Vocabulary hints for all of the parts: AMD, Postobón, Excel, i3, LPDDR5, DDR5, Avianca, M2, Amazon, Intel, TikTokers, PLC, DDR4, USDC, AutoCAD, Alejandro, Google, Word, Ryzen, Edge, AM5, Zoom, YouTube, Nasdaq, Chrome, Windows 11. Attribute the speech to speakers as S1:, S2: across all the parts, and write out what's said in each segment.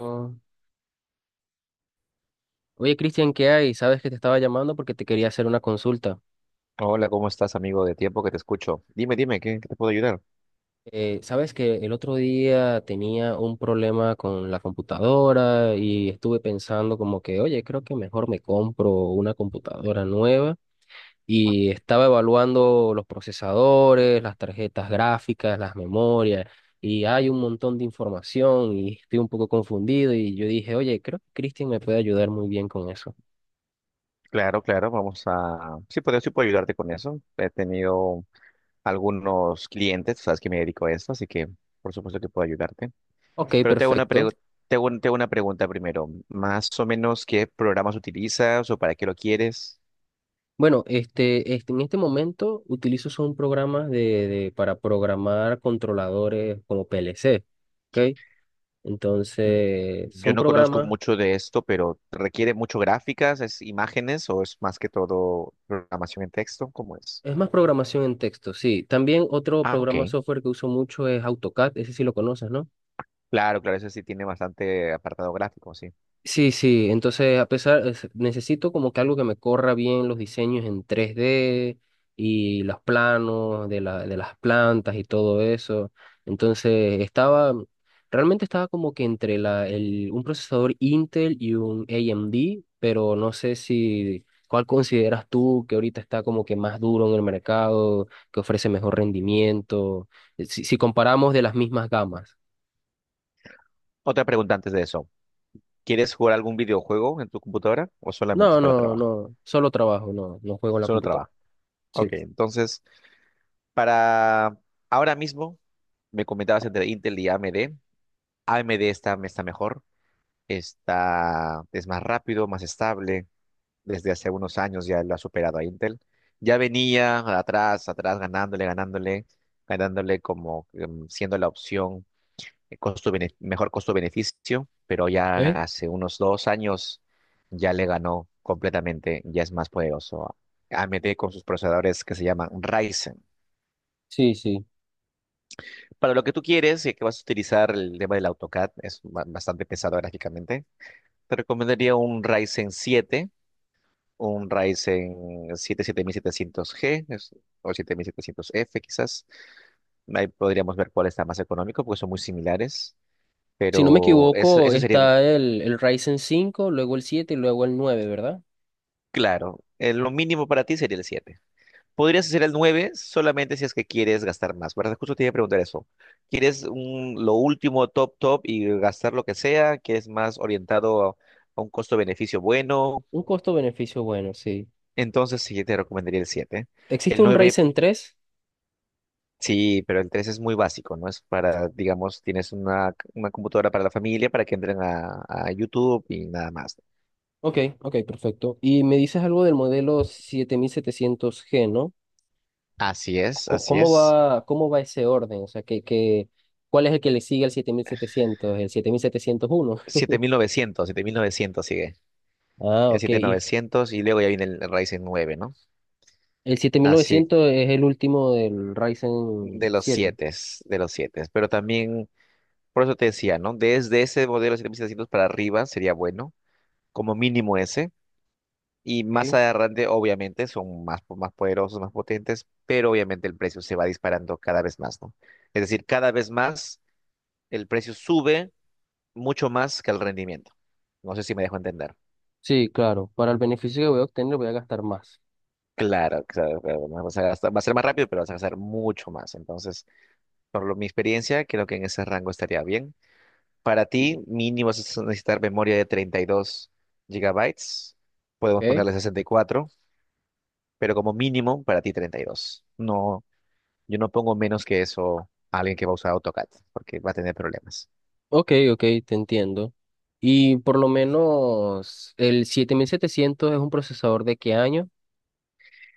S1: Oh. Oye, Cristian, ¿qué hay? Sabes que te estaba llamando porque te quería hacer una consulta.
S2: Hola, ¿cómo estás, amigo? De tiempo que te escucho. Dime, dime, ¿qué te puedo ayudar?
S1: Sabes que el otro día tenía un problema con la computadora y estuve pensando como que, oye, creo que mejor me compro una computadora nueva y estaba evaluando los procesadores, las tarjetas gráficas, las memorias y hay un montón de información y estoy un poco confundido y yo dije, oye, creo que Cristian me puede ayudar muy bien con eso.
S2: Claro, claro, Sí puedo ayudarte con eso. He tenido algunos clientes, sabes que me dedico a eso, así que por supuesto que puedo ayudarte.
S1: Ok,
S2: Pero te hago una
S1: perfecto.
S2: pregu- te hago un- te hago una pregunta primero. Más o menos, ¿qué programas utilizas o para qué lo quieres?
S1: Bueno, en este momento utilizo son programas para programar controladores como PLC, ¿ok?
S2: Mm,
S1: Entonces,
S2: Yo
S1: son
S2: no conozco
S1: programas,
S2: mucho de esto, pero ¿requiere mucho gráficas, es imágenes o es más que todo programación en texto? ¿Cómo es?
S1: es más programación en texto, sí. También otro
S2: Ah,
S1: programa
S2: ok.
S1: software que uso mucho es AutoCAD, ese sí lo conoces, ¿no?
S2: Claro, claro, eso sí tiene bastante apartado gráfico, sí.
S1: Sí, sí, entonces a pesar, necesito como que algo que me corra bien los diseños en 3D y los planos de de las plantas y todo eso. Entonces estaba, realmente estaba como que entre un procesador Intel y un AMD, pero no sé si, ¿cuál consideras tú que ahorita está como que más duro en el mercado, que ofrece mejor rendimiento? Si, si comparamos de las mismas gamas.
S2: Otra pregunta antes de eso. ¿Quieres jugar algún videojuego en tu computadora o solamente es
S1: No,
S2: para
S1: no,
S2: trabajo?
S1: no, solo trabajo, no, no juego en la
S2: Solo
S1: computadora.
S2: trabajo.
S1: Sí.
S2: Ok, entonces, para ahora mismo, me comentabas entre Intel y AMD. AMD está mejor, es más rápido, más estable. Desde hace unos años ya lo ha superado a Intel. Ya venía atrás, atrás, ganándole, ganándole, ganándole como siendo la opción mejor costo-beneficio, pero
S1: ¿Ok?
S2: ya hace unos 2 años ya le ganó completamente, ya es más poderoso a AMD con sus procesadores que se llaman Ryzen.
S1: Sí, sí.
S2: Para lo que tú quieres, ya que vas a utilizar el tema del AutoCAD, es bastante pesado gráficamente, te recomendaría un Ryzen siete siete mil setecientos g o siete mil setecientos f quizás. Ahí podríamos ver cuál está más económico, porque son muy similares.
S1: Si no me
S2: Pero eso,
S1: equivoco,
S2: eso sería.
S1: está el Ryzen 5, luego el 7 y luego el nueve, ¿verdad?
S2: Claro, lo mínimo para ti sería el 7. Podrías hacer el 9 solamente si es que quieres gastar más, ¿verdad? Justo te iba a preguntar eso. ¿Quieres lo último, top, top y gastar lo que sea? ¿Quieres más orientado a un costo-beneficio bueno?
S1: Un costo-beneficio bueno, sí.
S2: Entonces sí, te recomendaría el 7.
S1: ¿Existe
S2: El
S1: un
S2: 9
S1: Ryzen 3?
S2: sí, pero el 3 es muy básico, ¿no? Es para, digamos, tienes una computadora para la familia, para que entren a YouTube y nada más.
S1: Ok, ok, perfecto. Y me dices algo del modelo 7700G, ¿no?
S2: Así es, así es.
S1: Cómo va ese orden? O sea, ¿cuál es el que le sigue al 7700? ¿El 7701?
S2: Siete mil novecientos, sigue.
S1: Ah,
S2: El
S1: ok.
S2: siete mil
S1: Y
S2: novecientos y luego ya viene el Ryzen nueve, ¿no?
S1: el siete mil
S2: Así
S1: novecientos es el último del
S2: de
S1: Ryzen
S2: los
S1: 7.
S2: 7, de los siete. Pero también, por eso te decía, ¿no? Desde ese modelo 7700 para arriba sería bueno, como mínimo ese. Y más
S1: Ok.
S2: adelante, obviamente, son más poderosos, más potentes, pero obviamente el precio se va disparando cada vez más, ¿no? Es decir, cada vez más el precio sube mucho más que el rendimiento. No sé si me dejo entender.
S1: Sí, claro. Para el beneficio que voy a obtener voy a gastar más.
S2: Claro, claro, claro. Va a ser más rápido, pero vas a gastar mucho más. Entonces, mi experiencia, creo que en ese rango estaría bien. Para ti, mínimo vas a necesitar memoria de 32 gigabytes. Podemos
S1: Ok,
S2: ponerle 64, pero como mínimo para ti 32. No, yo no pongo menos que eso a alguien que va a usar AutoCAD, porque va a tener problemas.
S1: ok, ok, te entiendo. Y por lo menos el 7700 es un procesador de qué año?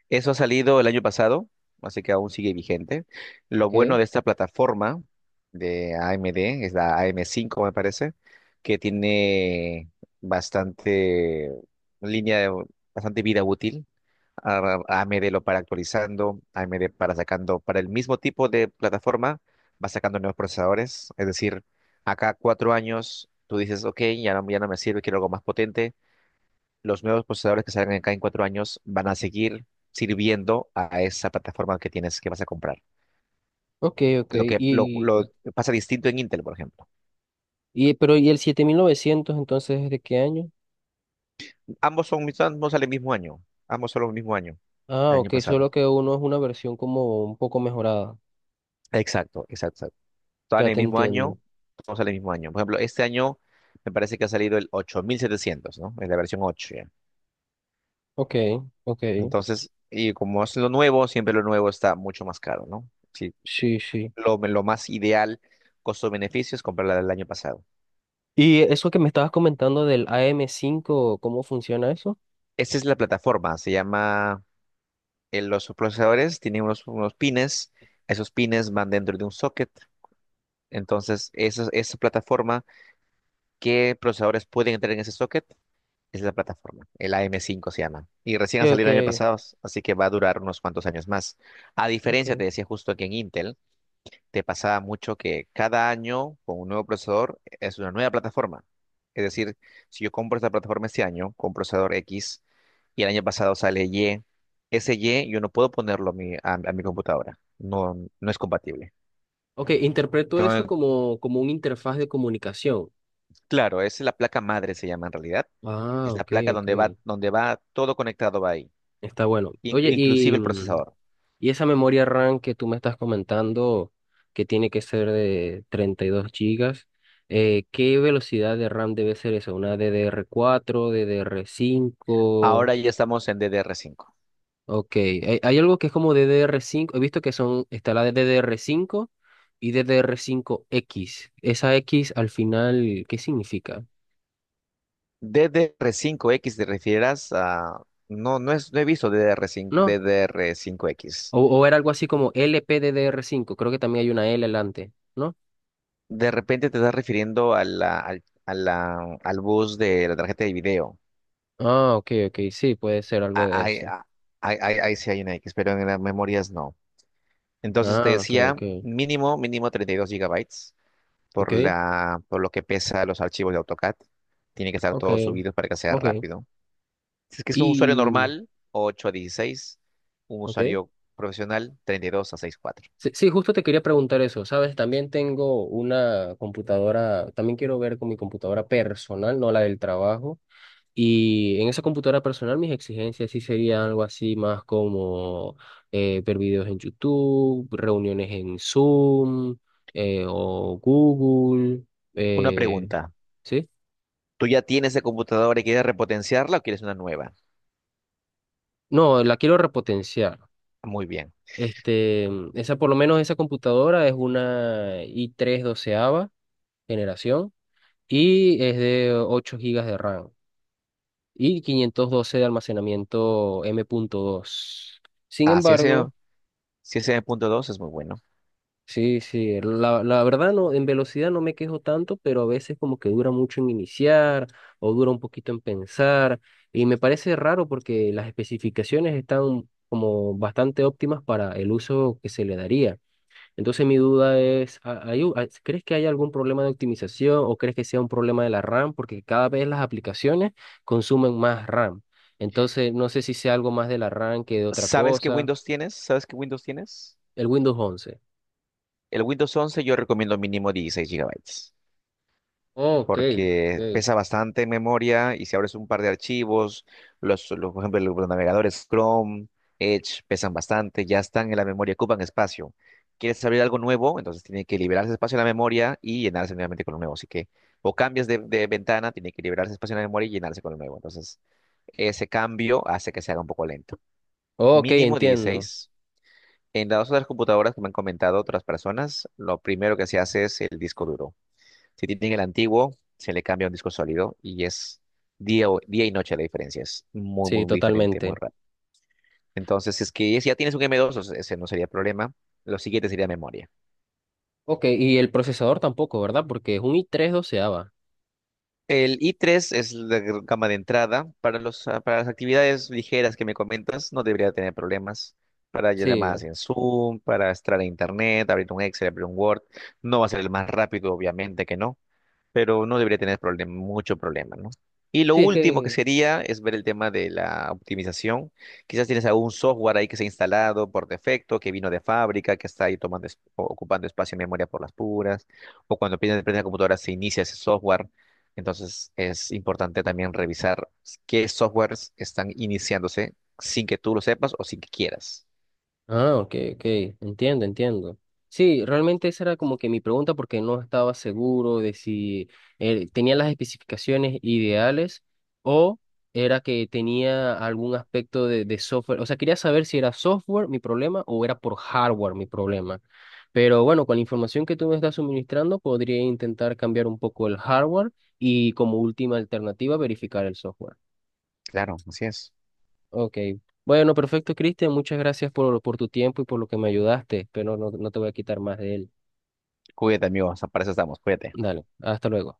S2: Eso ha salido el año pasado, así que aún sigue vigente. Lo bueno
S1: Ok,
S2: de esta plataforma de AMD, es la AM5, me parece, que tiene bastante línea de bastante vida útil. a- AMD lo para actualizando, AMD para sacando, para el mismo tipo de plataforma, va sacando nuevos procesadores. Es decir, acá 4 años, tú dices, ok, ya no me sirve, quiero algo más potente. Los nuevos procesadores que salgan acá en 4 años van a seguir sirviendo a esa plataforma que tienes, que vas a comprar.
S1: ok, ok.
S2: Lo que lo
S1: Y,
S2: pasa distinto en Intel, por ejemplo.
S1: pero ¿y el 7900 entonces es de qué año?
S2: Ambos salen el mismo año, ambos son el mismo año,
S1: Ah,
S2: el año
S1: ok,
S2: pasado.
S1: solo que uno es una versión como un poco mejorada.
S2: Exacto, exacto. Exacto.
S1: Ya
S2: Sale el
S1: te
S2: mismo
S1: entiendo.
S2: año, todos sale el mismo año. Por ejemplo, este año me parece que ha salido el 8700, ¿no? Es la versión 8 ya.
S1: Ok, ok.
S2: Entonces, y como es lo nuevo, siempre lo nuevo está mucho más caro, ¿no? Sí,
S1: Sí, sí.
S2: lo más ideal, costo-beneficio, es comprarla del año pasado.
S1: ¿Y eso que me estabas comentando del AM5, cómo funciona eso?
S2: Esta es la plataforma, se llama, los procesadores tienen unos pines, esos pines van dentro de un socket, entonces esa plataforma, ¿qué procesadores pueden entrar en ese socket? Es la plataforma, el AM5 se llama. Y recién
S1: Ok,
S2: ha
S1: ok,
S2: salido el año pasado, así que va a durar unos cuantos años más. A diferencia,
S1: ok.
S2: te decía justo que en Intel, te pasaba mucho que cada año con un nuevo procesador es una nueva plataforma. Es decir, si yo compro esta plataforma este año con procesador X y el año pasado sale Y, ese Y yo no puedo ponerlo a mi computadora. No, no es compatible.
S1: Ok, interpreto eso
S2: Entonces,
S1: como, como una interfaz de comunicación.
S2: claro, es la placa madre, se llama en realidad.
S1: Ah,
S2: Es la
S1: ok,
S2: placa
S1: ok.
S2: donde va todo conectado, va ahí.
S1: Está bueno.
S2: in-
S1: Oye, y,
S2: inclusive el procesador.
S1: y esa memoria RAM que tú me estás comentando, que tiene que ser de 32 gigas, ¿qué velocidad de RAM debe ser eso? ¿Una DDR4, cinco?
S2: Ahora ya estamos en DDR5.
S1: Ok, hay algo que es como DDR5. He visto que son, está la de DDR5 y DDR5X. Esa X al final, ¿qué significa?
S2: ¿DDR5X te refieras a...? No, no, no he visto DDR5,
S1: ¿No?
S2: DDR5X.
S1: O era algo así como LPDDR5. Creo que también hay una L delante.
S2: De repente te estás refiriendo al bus de la tarjeta de video.
S1: Ah, ok, ok, sí, puede ser algo
S2: Ah,
S1: de
S2: Ahí
S1: eso.
S2: ah, ahí- ahí- ahí sí hay una X, pero en las memorias no. Entonces te
S1: Ah, ok,
S2: decía
S1: ok,
S2: mínimo, mínimo 32 gigabytes
S1: ok,
S2: por lo que pesa los archivos de AutoCAD. Tiene que estar
S1: ok,
S2: todo subido para que sea
S1: ok.
S2: rápido. Si es que es un usuario
S1: Y,
S2: normal, 8 a 16. Un
S1: ok.
S2: usuario profesional, 32 a 64.
S1: Sí, sí, justo te quería preguntar eso, ¿sabes? También tengo una computadora, también quiero ver con mi computadora personal, no la del trabajo. Y en esa computadora personal mis exigencias sí serían algo así más como ver videos en YouTube, reuniones en Zoom, o Google,
S2: Una
S1: eh,
S2: pregunta.
S1: ¿sí?
S2: ¿Tú ya tienes esa computadora y quieres repotenciarla o quieres una nueva?
S1: No, la quiero repotenciar.
S2: Muy bien.
S1: Este, por lo menos esa computadora es una i3 doceava generación y es de 8 gigas de RAM y 512 de almacenamiento M.2. Sin
S2: Ah,
S1: embargo,
S2: si ese punto 2, es muy bueno.
S1: sí, sí, la verdad no, en velocidad no me quejo tanto, pero a veces como que dura mucho en iniciar o dura un poquito en pensar y me parece raro porque las especificaciones están como bastante óptimas para el uso que se le daría. Entonces mi duda es, ¿crees que hay algún problema de optimización o crees que sea un problema de la RAM? Porque cada vez las aplicaciones consumen más RAM. Entonces no sé si sea algo más de la RAM que de otra
S2: ¿Sabes qué
S1: cosa.
S2: Windows tienes? ¿Sabes qué Windows tienes?
S1: El Windows 11.
S2: El Windows 11, yo recomiendo mínimo 16 gigabytes,
S1: Oh, ok,
S2: porque
S1: ok.
S2: pesa bastante en memoria y si abres un par de archivos, por ejemplo, los navegadores Chrome, Edge pesan bastante, ya están en la memoria, ocupan espacio. ¿Quieres abrir algo nuevo? Entonces tiene que liberarse espacio en la memoria y llenarse nuevamente con lo nuevo. Así que o cambias de ventana, tiene que liberarse espacio en la memoria y llenarse con lo nuevo. Entonces, ese cambio hace que se haga un poco lento.
S1: Ok,
S2: Mínimo
S1: entiendo.
S2: 16. En las otras computadoras que me han comentado otras personas, lo primero que se hace es el disco duro. Si tienen el antiguo, se le cambia un disco sólido y es día y noche la diferencia. Es muy,
S1: Sí,
S2: muy diferente, muy
S1: totalmente.
S2: rápido. Entonces, si es que si ya tienes un M.2, o sea, ese no sería problema. Lo siguiente sería memoria.
S1: Ok, y el procesador tampoco, ¿verdad? Porque es un i3 doceava.
S2: El i3 es la gama de entrada. Para las actividades ligeras que me comentas, no debería tener problemas. Para llamadas
S1: Sí,
S2: en Zoom, para estar en Internet, abrir un Excel, abrir un Word. No va a ser el más rápido, obviamente que no, pero no debería tener mucho problema, ¿no? Y lo
S1: sí, es
S2: último que
S1: que...
S2: sería es ver el tema de la optimización. Quizás tienes algún software ahí que se ha instalado por defecto, que vino de fábrica, que está ahí tomando, ocupando espacio en memoria por las puras, o cuando prende la computadora se inicia ese software. Entonces es importante también revisar qué softwares están iniciándose sin que tú lo sepas o sin que quieras.
S1: Ah, ok, ok, entiendo, entiendo. Sí, realmente esa era como que mi pregunta porque no estaba seguro de si tenía las especificaciones ideales o era que tenía algún aspecto de software. O sea, quería saber si era software mi problema o era por hardware mi problema. Pero bueno, con la información que tú me estás suministrando, podría intentar cambiar un poco el hardware y como última alternativa verificar el software.
S2: Claro, así es.
S1: Ok. Bueno, perfecto, Cristian. Muchas gracias por tu tiempo y por lo que me ayudaste, pero no, no te voy a quitar más de él.
S2: Cuídate, amigos. Para eso estamos. Cuídate.
S1: Dale, hasta luego.